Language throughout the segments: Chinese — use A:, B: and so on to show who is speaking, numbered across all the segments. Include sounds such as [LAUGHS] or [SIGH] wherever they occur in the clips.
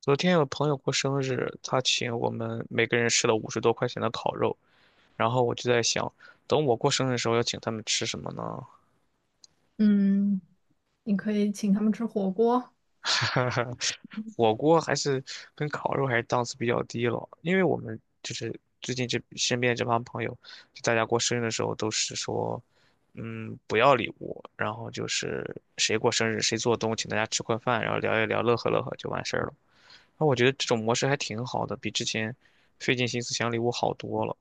A: 昨天有朋友过生日，他请我们每个人吃了50多块钱的烤肉，然后我就在想，等我过生日的时候要请他们吃什么呢？
B: 嗯，你可以请他们吃火锅。
A: [LAUGHS] 火锅还是跟烤肉还是档次比较低了，因为我们就是最近这身边这帮朋友，就大家过生日的时候都是说，不要礼物，然后就是谁过生日谁做东，请大家吃块饭，然后聊一聊，乐呵乐呵就完事儿了。那我觉得这种模式还挺好的，比之前费尽心思想礼物好多了。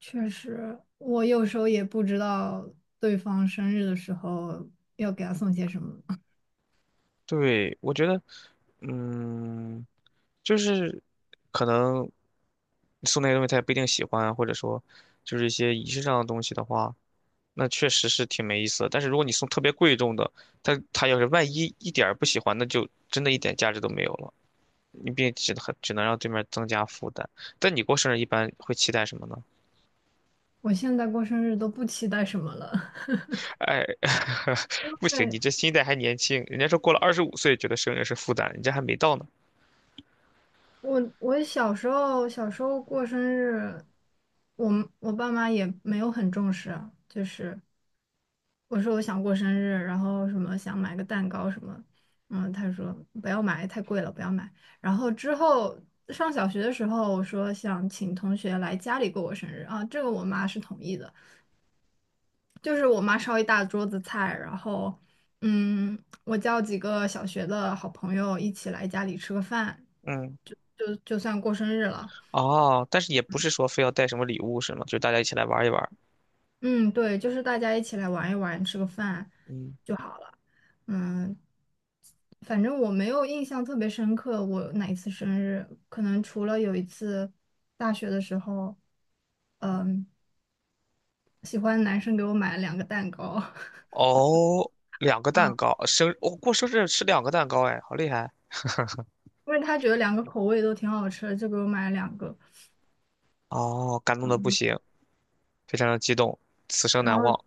B: 确实，我有时候也不知道对方生日的时候要给他送些什么。[LAUGHS]
A: 对，我觉得，嗯，就是可能送那个东西他也不一定喜欢，或者说就是一些仪式上的东西的话，那确实是挺没意思的，但是如果你送特别贵重的，他要是万一一点儿不喜欢，那就真的一点价值都没有了，你并只能让对面增加负担。但你过生日一般会期待什么呢？
B: 我现在过生日都不期待什么了。
A: 哎，[LAUGHS]
B: [LAUGHS]
A: 不行，你
B: 对，
A: 这心态还年轻，人家说过了25岁觉得生日是负担，你这还没到呢。
B: 我小时候过生日，我爸妈也没有很重视啊，就是我说我想过生日，然后什么想买个蛋糕什么，他说不要买，太贵了，不要买。然后之后上小学的时候，我说想请同学来家里过我生日啊，这个我妈是同意的，就是我妈烧一大桌子菜，然后嗯，我叫几个小学的好朋友一起来家里吃个饭，
A: 嗯。
B: 就算过生日了。
A: 哦，但是也不是说非要带什么礼物是吗？就大家一起来玩一玩。
B: 嗯，对，就是大家一起来玩一玩，吃个饭
A: 嗯，
B: 就好了。嗯，反正我没有印象特别深刻，我哪一次生日，可能除了有一次大学的时候，嗯，喜欢的男生给我买了两个蛋糕，[LAUGHS]
A: 哦，两个
B: 嗯，
A: 蛋糕，过生日吃两个蛋糕，哎，好厉害！
B: 因为他觉得两个口味都挺好吃的，就给我买了两个。
A: 哦，感动的不
B: 嗯。
A: 行，非常的激动，此生
B: 然
A: 难
B: 后
A: 忘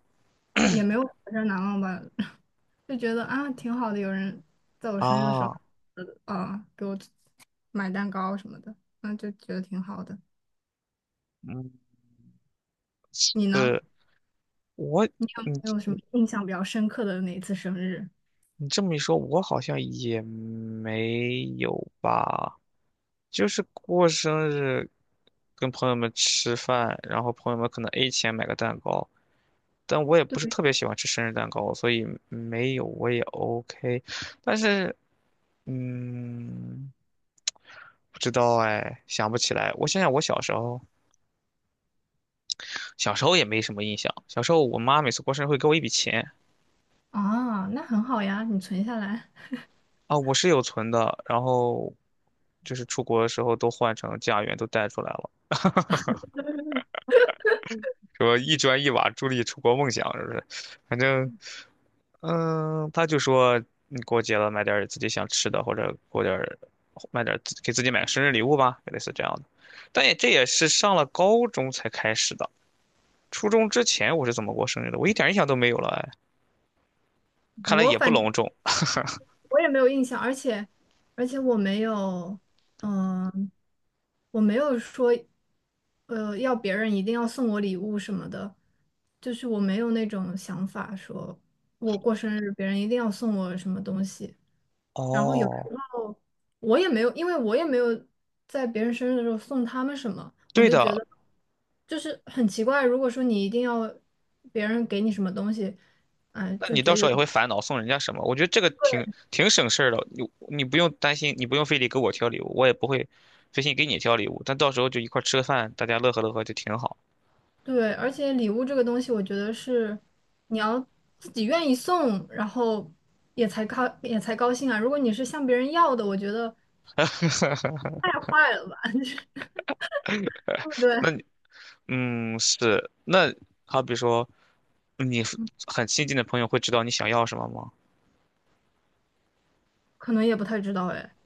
B: 也没有比较难忘吧，[LAUGHS] 就觉得啊挺好的，有人在我生日的时候，
A: 啊。
B: 呃给我买蛋糕什么的，那就觉得挺好的。
A: 嗯，
B: 你呢？
A: 是我，
B: 你有
A: 你
B: 没有什么印象比较深刻的哪一次生日？
A: 你这么一说，我好像也没有吧。就是过生日，跟朋友们吃饭，然后朋友们可能 A 钱买个蛋糕，但我也不是
B: 对
A: 特别喜欢吃生日蛋糕，所以没有我也 OK。但是，嗯，不知道哎，想不起来。我想想，我小时候，小时候也没什么印象。小时候我妈每次过生日会给我一笔钱。
B: 啊，那很好呀，你存下来。
A: 啊，我是有存的，然后就是出国的时候都换成家元都带出来了，说一砖一瓦助力出国梦想，是不是？反正。嗯，他就说你过节了，买点儿自己想吃的，或者过点儿买点儿自己买个生日礼物吧，类似这样的。这也是上了高中才开始的，初中之前我是怎么过生日的，我一点印象都没有了，哎，看来
B: 我
A: 也不
B: 反正
A: 隆重。
B: 我也没有印象，而且我没有，嗯、我没有说，要别人一定要送我礼物什么的，就是我没有那种想法说我过生日别人一定要送我什么东西。然后有时
A: 哦，
B: 候我也没有，因为我也没有在别人生日的时候送他们什么，我
A: 对
B: 就觉
A: 的，
B: 得就是很奇怪。如果说你一定要别人给你什么东西，
A: 那
B: 就
A: 你
B: 觉
A: 到
B: 得
A: 时
B: 有。
A: 候也
B: 点。
A: 会烦恼送人家什么？我觉得这个挺省事儿的，你不用担心，你不用非得给我挑礼物，我也不会费心给你挑礼物，但到时候就一块儿吃个饭，大家乐呵乐呵就挺好。
B: 对，而且礼物这个东西，我觉得是你要自己愿意送，然后也才高兴啊。如果你是向别人要的，我觉得太坏了吧，[LAUGHS] 就是对不
A: 那
B: 对？
A: 你。嗯，是。那好比说，你很亲近的朋友会知道你想要什么吗？
B: 可能也不太知道哎，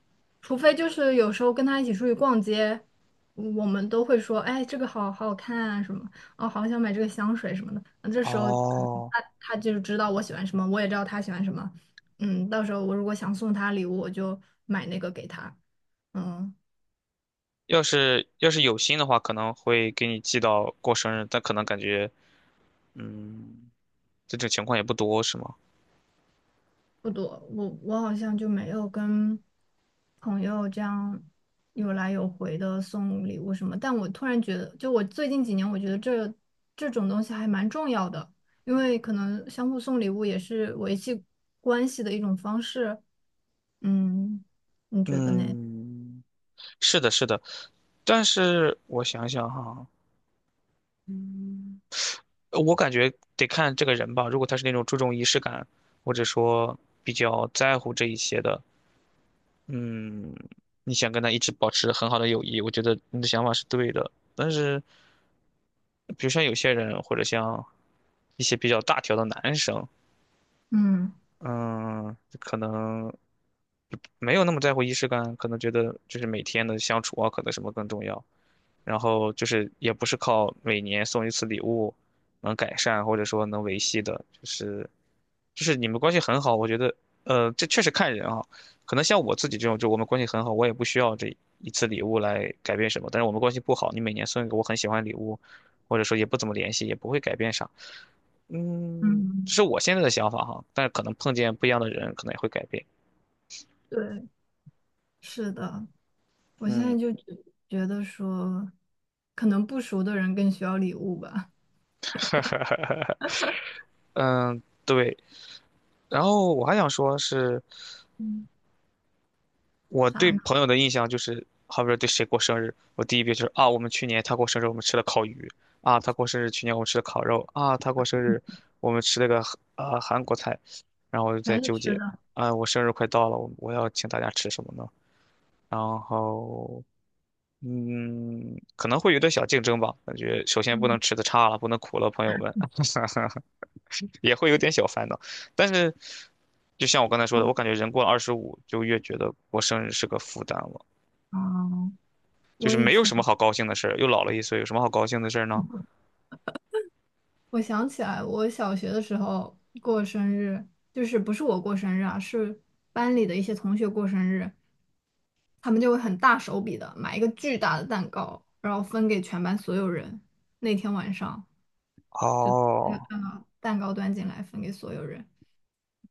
B: 除非就是有时候跟他一起出去逛街，我们都会说，哎，这个好好看啊什么，哦，好想买这个香水什么的。那这时候他
A: 哦，
B: 他就是知道我喜欢什么，我也知道他喜欢什么。嗯，到时候我如果想送他礼物，我就买那个给他。嗯。
A: 要是有心的话，可能会给你寄到过生日，但可能感觉，嗯，这种情况也不多，是吗？
B: 不多，我好像就没有跟朋友这样有来有回的送礼物什么。但我突然觉得，就我最近几年，我觉得这种东西还蛮重要的，因为可能相互送礼物也是维系关系的一种方式。嗯，你觉得呢？
A: 嗯，是的，是的。但是我想想哈，我感觉得看这个人吧。如果他是那种注重仪式感，或者说比较在乎这一些的，嗯，你想跟他一直保持很好的友谊，我觉得你的想法是对的。但是，比如像有些人，或者像一些比较大条的男生，
B: 嗯
A: 嗯，可能没有那么在乎仪式感，可能觉得就是每天的相处啊，可能什么更重要。然后就是也不是靠每年送一次礼物能改善或者说能维系的，就是你们关系很好，我觉得这确实看人啊，可能像我自己这种，就我们关系很好，我也不需要这一次礼物来改变什么，但是我们关系不好，你每年送一个我很喜欢的礼物，或者说也不怎么联系，也不会改变啥。嗯，
B: 嗯，
A: 这是我现在的想法哈，但是可能碰见不一样的人，可能也会改变。
B: 对，是的，我现
A: 嗯，
B: 在觉得说，可能不熟的人更需要礼物吧。
A: [LAUGHS] 嗯，对。然后我还想说是，
B: 嗯，
A: 我
B: 啥
A: 对
B: 呢？
A: 朋友的印象就是，好比说对谁过生日，我第一遍就是啊，我们去年他过生日，我们吃了烤鱼；啊，他过生日，去年我们吃了烤肉；啊，他过生日，我们吃了个韩国菜。然后我就在
B: 全是
A: 纠
B: 吃
A: 结，
B: 的。
A: 啊，我生日快到了，我要请大家吃什么呢？然后，嗯，可能会有点小竞争吧，感觉首先不能
B: 嗯。
A: 吃的差了，不能苦了朋友们，[LAUGHS] 也会有点小烦恼。但是，就像我刚才说的，我感觉人过了二十五，就越觉得过生日是个负担了。
B: 嗯，
A: 就是
B: 我以
A: 没有
B: 前，
A: 什么好高兴的事儿，又老了一岁，有什么好高兴的事儿呢？
B: 我想起来，我小学的时候过生日，就是不是我过生日啊，是班里的一些同学过生日，他们就会很大手笔的买一个巨大的蛋糕，然后分给全班所有人。那天晚上，嗯，
A: 哦，
B: 嗯蛋糕端进来分给所有人，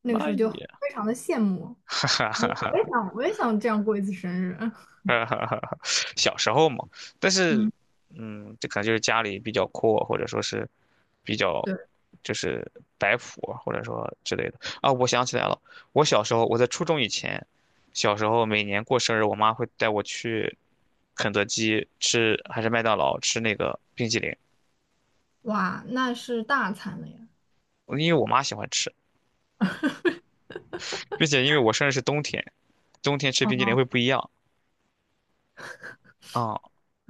B: 那个时
A: 那
B: 候就
A: 也，
B: 非常的羡慕，
A: [LAUGHS] 哈哈
B: 我也
A: 哈
B: 想，我也想这样过一次生日。[LAUGHS]
A: 哈哈哈，小时候嘛。但是，
B: 嗯，
A: 这可能就是家里比较阔，或者说是比较
B: 对，
A: 就是摆谱，或者说之类的啊。我想起来了，我小时候我在初中以前，小时候每年过生日，我妈会带我去肯德基吃，还是麦当劳吃那个冰淇淋，
B: 哇，那是大餐了呀。
A: 因为我妈喜欢吃，并且因为我生日是冬天。冬天吃冰激凌会不一样啊。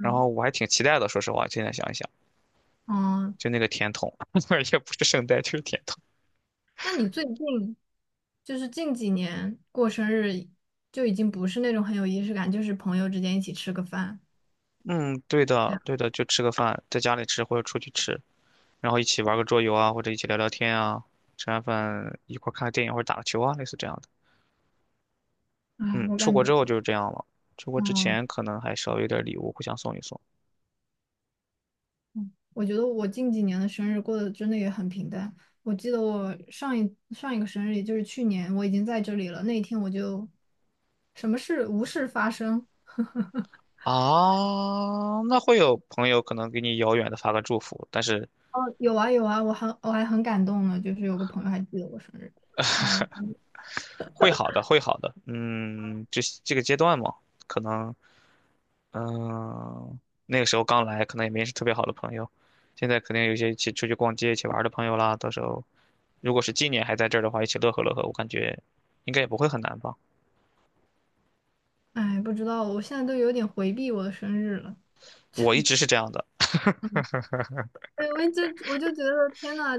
A: 然后我还挺期待的，说实话，现在想一想，
B: 嗯，
A: 就那个甜筒，[LAUGHS] 也不是圣代，就是甜筒。
B: 那你最近？就是近几年过生日就已经不是那种很有仪式感，就是朋友之间一起吃个饭
A: 嗯，对
B: 这
A: 的，
B: 样。
A: 对的，就吃个饭，在家里吃或者出去吃，然后一起玩个桌游啊，或者一起聊聊天啊，吃完饭一块儿看个电影或者打个球啊，类似这样的。
B: 哎，
A: 嗯，
B: 我
A: 出
B: 感
A: 国
B: 觉，
A: 之后就是这样了。出国之
B: 嗯，
A: 前可能还稍微有点礼物，互相送一送
B: 嗯我觉得我近几年的生日过得真的也很平淡。我记得我上一个生日，也就是去年，我已经在这里了。那一天我就什么事无事发生。[LAUGHS]
A: 啊。那会有朋友可能给你遥远的发个祝福，但是
B: 哦，有啊有啊，我还很感动呢，就是有个朋友还记得我生日。哦，
A: 会好的，会好的。嗯，这个阶段嘛，可能嗯，那个时候刚来，可能也没是特别好的朋友。现在肯定有一些一起出去逛街、一起玩儿的朋友啦。到时候，如果是今年还在这儿的话，一起乐呵乐呵，我感觉应该也不会很难吧。
B: 哎，不知道，我现在都有点回避我的生日了。
A: 我一
B: [LAUGHS]
A: 直是这样的，
B: 对，我就觉得天呐，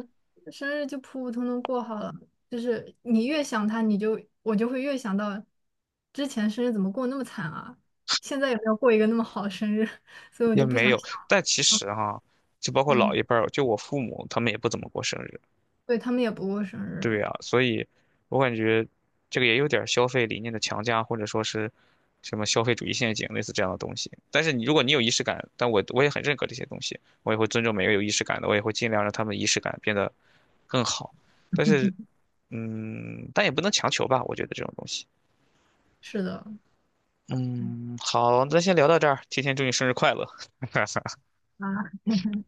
B: 生日就普普通通过好了。就是你越想他，我就会越想到之前生日怎么过那么惨啊，现在有没有过一个那么好的生日？[LAUGHS] 所以我
A: 也
B: 就不
A: 没
B: 想
A: 有。
B: 想了。
A: 但其实哈、就包括老
B: 嗯，
A: 一辈儿，就我父母，他们也不怎么过生日。
B: 对，他们也不过生日，
A: 对啊，所以我感觉这个也有点儿消费理念的强加，或者说是什么消费主义陷阱，类似这样的东西。但是你如果你有仪式感，但我也很认可这些东西，我也会尊重每个有仪式感的，我也会尽量让他们仪式感变得更好。但是，嗯，但也不能强求吧，我觉得这种东西。
B: 是的
A: 嗯，好，那先聊到这儿，提前祝你生日快乐。[LAUGHS]
B: 啊，[LAUGHS]